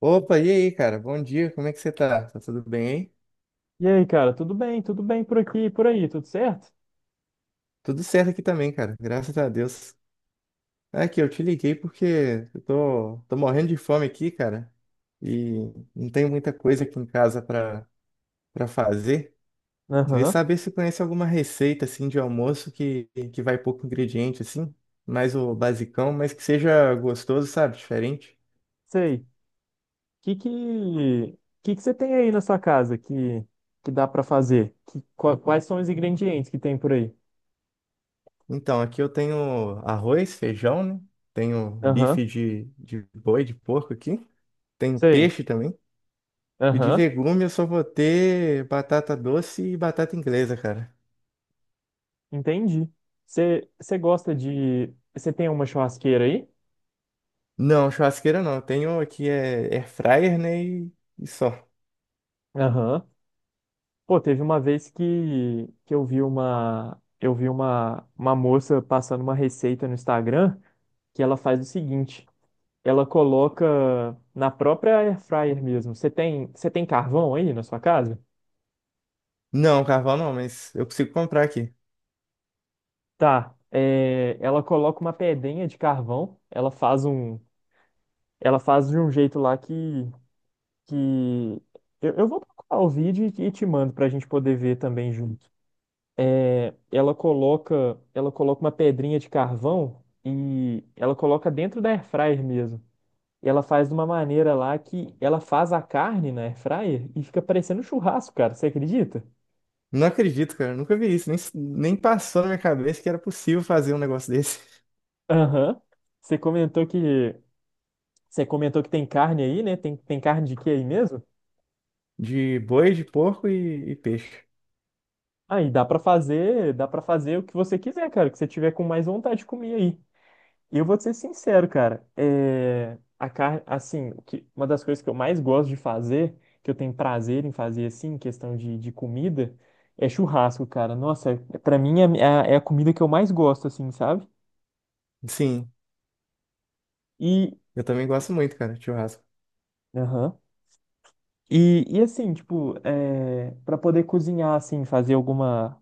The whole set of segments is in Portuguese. Opa, e aí, cara? Bom dia, como é que você tá? Tá tudo bem, hein? E aí, cara, tudo bem? Tudo bem por aqui, e por aí, tudo certo? Tudo certo aqui também, cara, graças a Deus. Aqui, eu te liguei porque eu tô morrendo de fome aqui, cara, e não tenho muita coisa aqui em casa pra fazer. Queria Aham, saber se conhece alguma receita, assim, de almoço que vai pouco ingrediente, assim, mais o basicão, mas que seja gostoso, sabe? Diferente. sei. Que que que que você tem aí na sua casa que dá pra fazer? Quais são os ingredientes que tem por aí? Então, aqui eu tenho arroz, feijão, né? Tenho bife Aham, de boi, de porco aqui. Tenho sei. peixe também. E de Aham, legume eu só vou ter batata doce e batata inglesa, cara. entendi. Você gosta de você tem uma churrasqueira aí? Não, churrasqueira não. Eu tenho aqui é air fryer, né? E só. Aham. Pô, teve uma vez que eu vi uma eu vi uma moça passando uma receita no Instagram que ela faz o seguinte, ela coloca na própria air fryer mesmo. Você tem carvão aí na sua casa? Não, carvão não, mas eu consigo comprar aqui. Tá. É, ela coloca uma pedrinha de carvão, ela faz de um jeito lá que... eu vou procurar o vídeo e te mando pra gente poder ver também junto. É, ela coloca, ela coloca uma pedrinha de carvão e ela coloca dentro da air fryer mesmo. E ela faz de uma maneira lá que ela faz a carne na air fryer e fica parecendo um churrasco, cara. Você acredita? Não acredito, cara. Eu nunca vi isso. Nem passou na minha cabeça que era possível fazer um negócio desse. Aham. Você comentou que você comentou que tem carne aí, né? Tem carne de quê aí mesmo? De boi, de porco e peixe. Aí dá pra fazer, dá para fazer o que você quiser, cara, o que você tiver com mais vontade de comer aí. E eu vou te ser sincero, cara. É, a carne, assim, o que, uma das coisas que eu mais gosto de fazer, que eu tenho prazer em fazer assim, em questão de comida, é churrasco, cara. Nossa, pra mim é, a, é a comida que eu mais gosto, assim, sabe? Sim, E eu também gosto muito, cara, de churrasco. aham. E assim, tipo, é, para poder cozinhar, assim,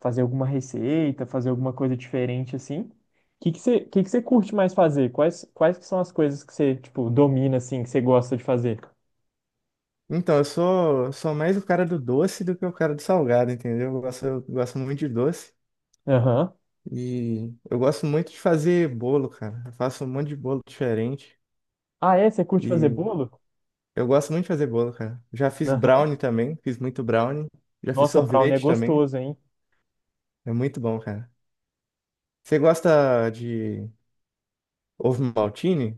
fazer alguma receita, fazer alguma coisa diferente assim. O que que você curte mais fazer? Quais que são as coisas que você, tipo, domina assim, que você gosta de fazer? Então, eu sou mais o cara do doce do que o cara do salgado, entendeu? Eu gosto muito de doce. Aham. E eu gosto muito de fazer bolo, cara. Eu faço um monte de bolo diferente. Ah, é? Você curte fazer E bolo? eu gosto muito de fazer bolo, cara. Já fiz Aham. brownie também, fiz muito brownie. Já fiz Nossa, brownie é sorvete também. gostoso, hein? É muito bom, cara. Você gosta de ovo maltine?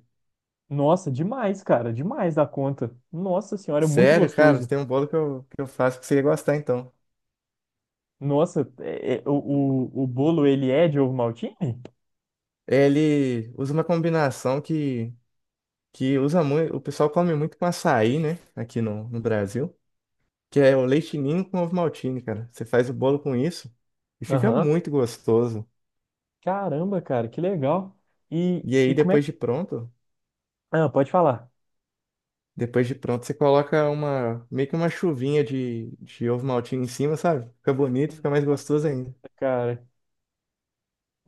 Nossa, demais, cara, demais da conta. Nossa senhora, é muito Sério, cara, gostoso. tem um bolo que eu faço que você ia gostar, então. Nossa, o bolo ele é de ovo maltine? Ele usa uma combinação que usa muito. O pessoal come muito com açaí, né? Aqui no Brasil. Que é o leite ninho com ovo maltine, cara. Você faz o bolo com isso e fica Aham. muito gostoso. Caramba, cara, que legal. E aí E como é que. Ah, pode falar. depois de pronto você coloca uma meio que uma chuvinha de ovo maltine em cima, sabe? Fica bonito, fica mais Nossa, gostoso ainda. cara.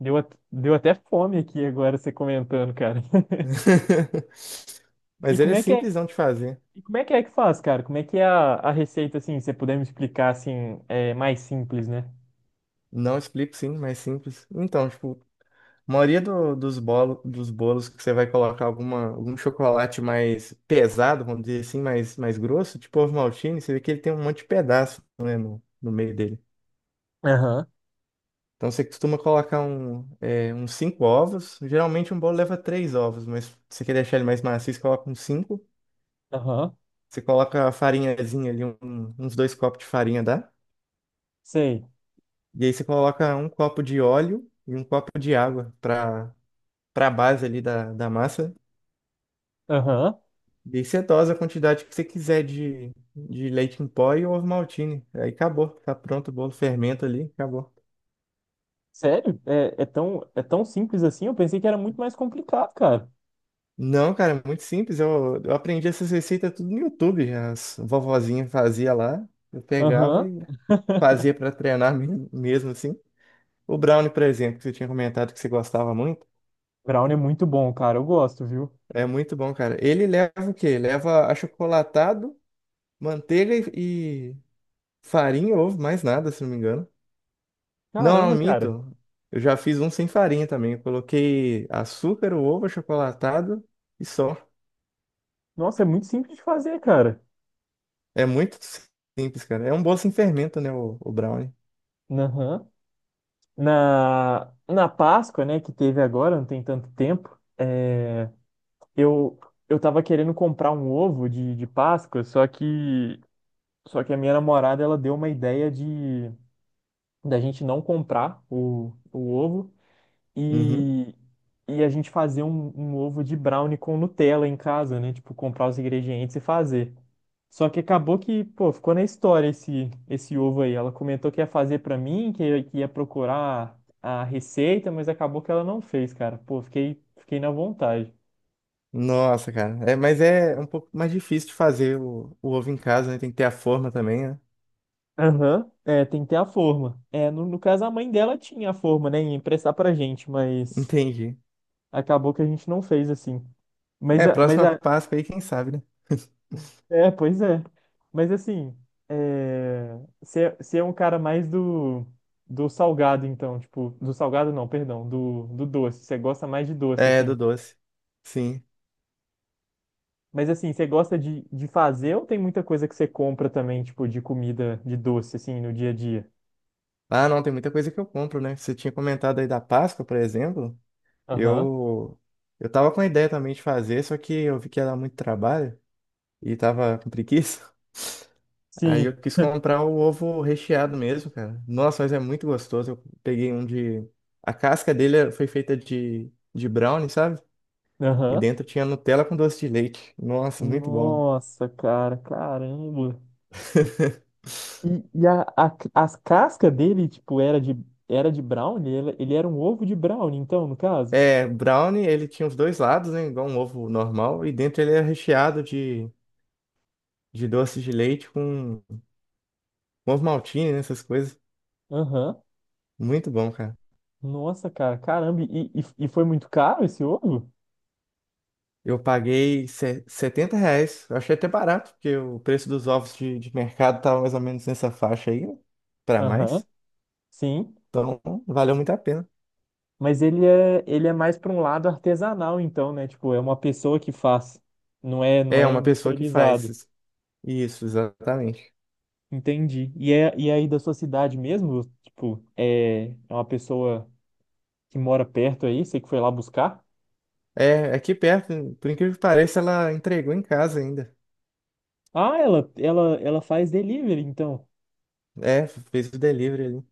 Deu, deu até fome aqui agora você comentando, cara. E Mas ele como é é que é, simplesão de fazer. e como é que faz, cara? Como é que é a receita, assim, se você puder me explicar, assim, é mais simples, né? Não, explico sim, mas simples. Então, tipo, a maioria dos bolos que você vai colocar algum chocolate mais pesado, vamos dizer assim, mais grosso, tipo ovo maltine, você vê que ele tem um monte de pedaço, né, no meio dele. Aham, Então você costuma colocar um, é, uns cinco ovos. Geralmente um bolo leva três ovos, mas se você quer deixar ele mais macio, você coloca uns cinco. aham, Você coloca a farinhazinha ali, uns dois copos de farinha, dá? sei. E aí você coloca um copo de óleo e um copo de água para a base ali da massa. Aham. E você dose a quantidade que você quiser de leite em pó e ovo maltine. Aí acabou, tá pronto o bolo, fermenta ali, acabou. Sério? É tão simples assim? Eu pensei que era muito mais complicado, cara. Não, cara, é muito simples. Eu aprendi essas receitas tudo no YouTube. As vovozinhas fazia lá, eu pegava Aham. e fazia pra treinar mesmo, mesmo assim. O brownie, por exemplo, que você tinha comentado que você gostava muito, Brownie é muito bom, cara. Eu gosto, viu? é muito bom, cara. Ele leva o quê? Leva achocolatado, manteiga e farinha, ovo, mais nada, se não me engano. Não, Caramba, não cara. minto. Eu já fiz um sem farinha também. Eu coloquei açúcar, o ovo achocolatado e só. Nossa, é muito simples de fazer, cara. É muito simples, cara. É um bolo sem fermento, né, o brownie. Aham. Na Páscoa, né, que teve agora, não tem tanto tempo. Eu, eu tava querendo comprar um ovo de Páscoa, só que a minha namorada, ela deu uma ideia de da gente não comprar o ovo Uhum. e, e a gente fazer um ovo de brownie com Nutella em casa, né? Tipo, comprar os ingredientes e fazer. Só que acabou que, pô, ficou na história esse ovo aí. Ela comentou que ia fazer pra mim, que ia procurar a receita, mas acabou que ela não fez, cara. Pô, fiquei na vontade. Nossa, cara. É, mas é um pouco mais difícil de fazer o ovo em casa, né? Tem que ter a forma também, né? Aham, é, tem que ter a forma. É, no caso, a mãe dela tinha a forma, né? Ia emprestar pra gente, mas Entendi. acabou que a gente não fez assim. Mas, É, a- mas próxima a, Páscoa aí, quem sabe, né? Pois é. Mas assim, é, você é um cara mais do, do salgado, então, tipo, do salgado não, perdão, do doce. Você gosta mais de doce, É, assim. do doce. Sim. Mas assim, você gosta de fazer ou tem muita coisa que você compra também, tipo, de comida, de doce, assim, no dia a dia? Ah, não, tem muita coisa que eu compro, né? Você tinha comentado aí da Páscoa, por exemplo. Aham. Eu, eu tava com a ideia também de fazer, só que eu vi que ia dar muito trabalho e tava com preguiça. Aí Sim. eu quis comprar o ovo recheado mesmo, cara. Nossa, mas é muito gostoso. Eu peguei um de. A casca dele foi feita de brownie, sabe? E Aham. dentro tinha Nutella com doce de leite. Nossa, muito bom. Nossa, cara, caramba. As casca dele, tipo, era de brownie? Ele era um ovo de brownie, então, no caso? É, brownie, ele tinha os dois lados, né? Igual um ovo normal. E dentro ele era recheado de doce de leite com ovo maltine, né, essas coisas. Aham. Muito bom, cara. Nossa, cara, caramba. E foi muito caro esse ovo? Eu paguei R$ 70. Eu achei até barato, porque o preço dos ovos de mercado estava mais ou menos nessa faixa aí, para Aham, mais. sim. Então, valeu muito a pena. Ele é mais para um lado artesanal, então, né? Tipo, é uma pessoa que faz. Não É é uma pessoa que faz industrializado. isso. Isso, exatamente. Entendi. E é aí da sua cidade mesmo? Tipo, é uma pessoa que mora perto aí, você que foi lá buscar? É, é aqui perto, por incrível que pareça, ela entregou em casa ainda. Ah, ela faz delivery, então. É, fez o delivery ali.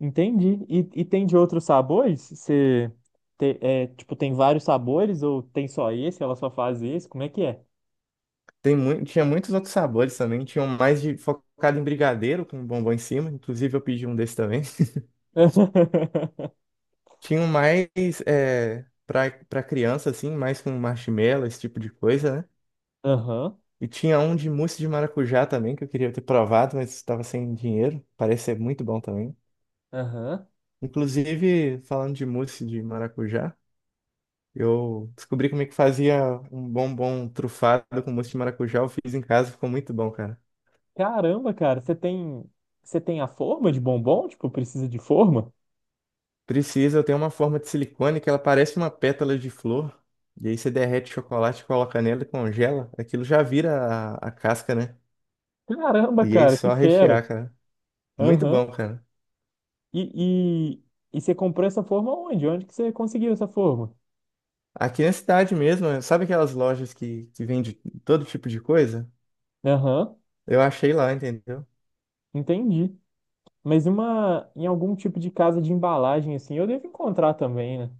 Entendi. E tem de outros sabores? Tipo, tem vários sabores ou tem só esse? Ela só faz esse? Como é que é? Tem muito, tinha muitos outros sabores também. Tinham mais de, focado em brigadeiro, com bombom em cima. Inclusive, eu pedi um desse também. Tinham mais é, para criança, assim, mais com marshmallow, esse tipo de coisa, né? Aham, E tinha um de mousse de maracujá também, que eu queria ter provado, mas estava sem dinheiro. Parece ser muito bom também. aham. Inclusive, falando de mousse de maracujá, eu descobri como é que fazia um bombom trufado com mousse de maracujá. Eu fiz em casa, ficou muito bom, cara. Caramba, cara, você tem a forma de bombom? Tipo, precisa de forma? Precisa, eu tenho uma forma de silicone que ela parece uma pétala de flor. E aí você derrete chocolate, coloca nela e congela. Aquilo já vira a casca, né? Caramba, E aí é cara, que só fera. rechear, cara. Muito Aham. bom, cara. E, e, e você comprou essa forma onde? Onde que você conseguiu essa forma? Aqui na cidade mesmo, é, sabe aquelas lojas que vende todo tipo de coisa? Aham, Eu achei lá, entendeu? entendi. Mas uma, em algum tipo de casa de embalagem, assim, eu devo encontrar também, né?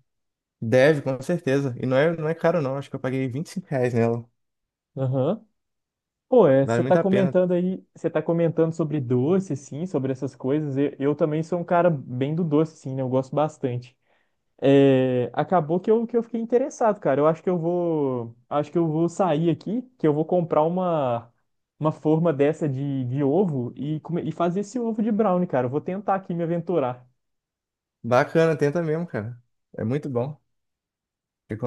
Deve, com certeza. E não é, não é caro, não. Acho que eu paguei R$ 25 nela. Aham. Pô, é, Vale muito a pena. Você tá comentando sobre doce, assim, sobre essas coisas. Eu também sou um cara bem do doce, assim, né? Eu gosto bastante. É, acabou que eu fiquei interessado, cara. Eu acho que eu vou, acho que eu vou sair aqui, que eu vou comprar uma forma dessa de ovo e fazer esse ovo de brownie, cara. Eu vou tentar aqui me aventurar. Bacana, tenta mesmo, cara. É muito bom.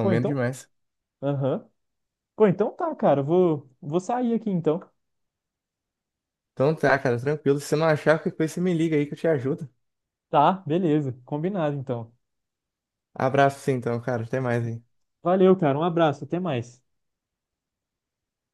Pô, então? demais. Aham. Pô, então tá, cara. Eu vou sair aqui então. Então tá, cara, tranquilo. Se você não achar qualquer coisa, você me liga aí que eu te ajudo. Tá, beleza. Combinado então. Abraço, sim, então, cara. Até mais aí. Valeu, cara. Um abraço. Até mais.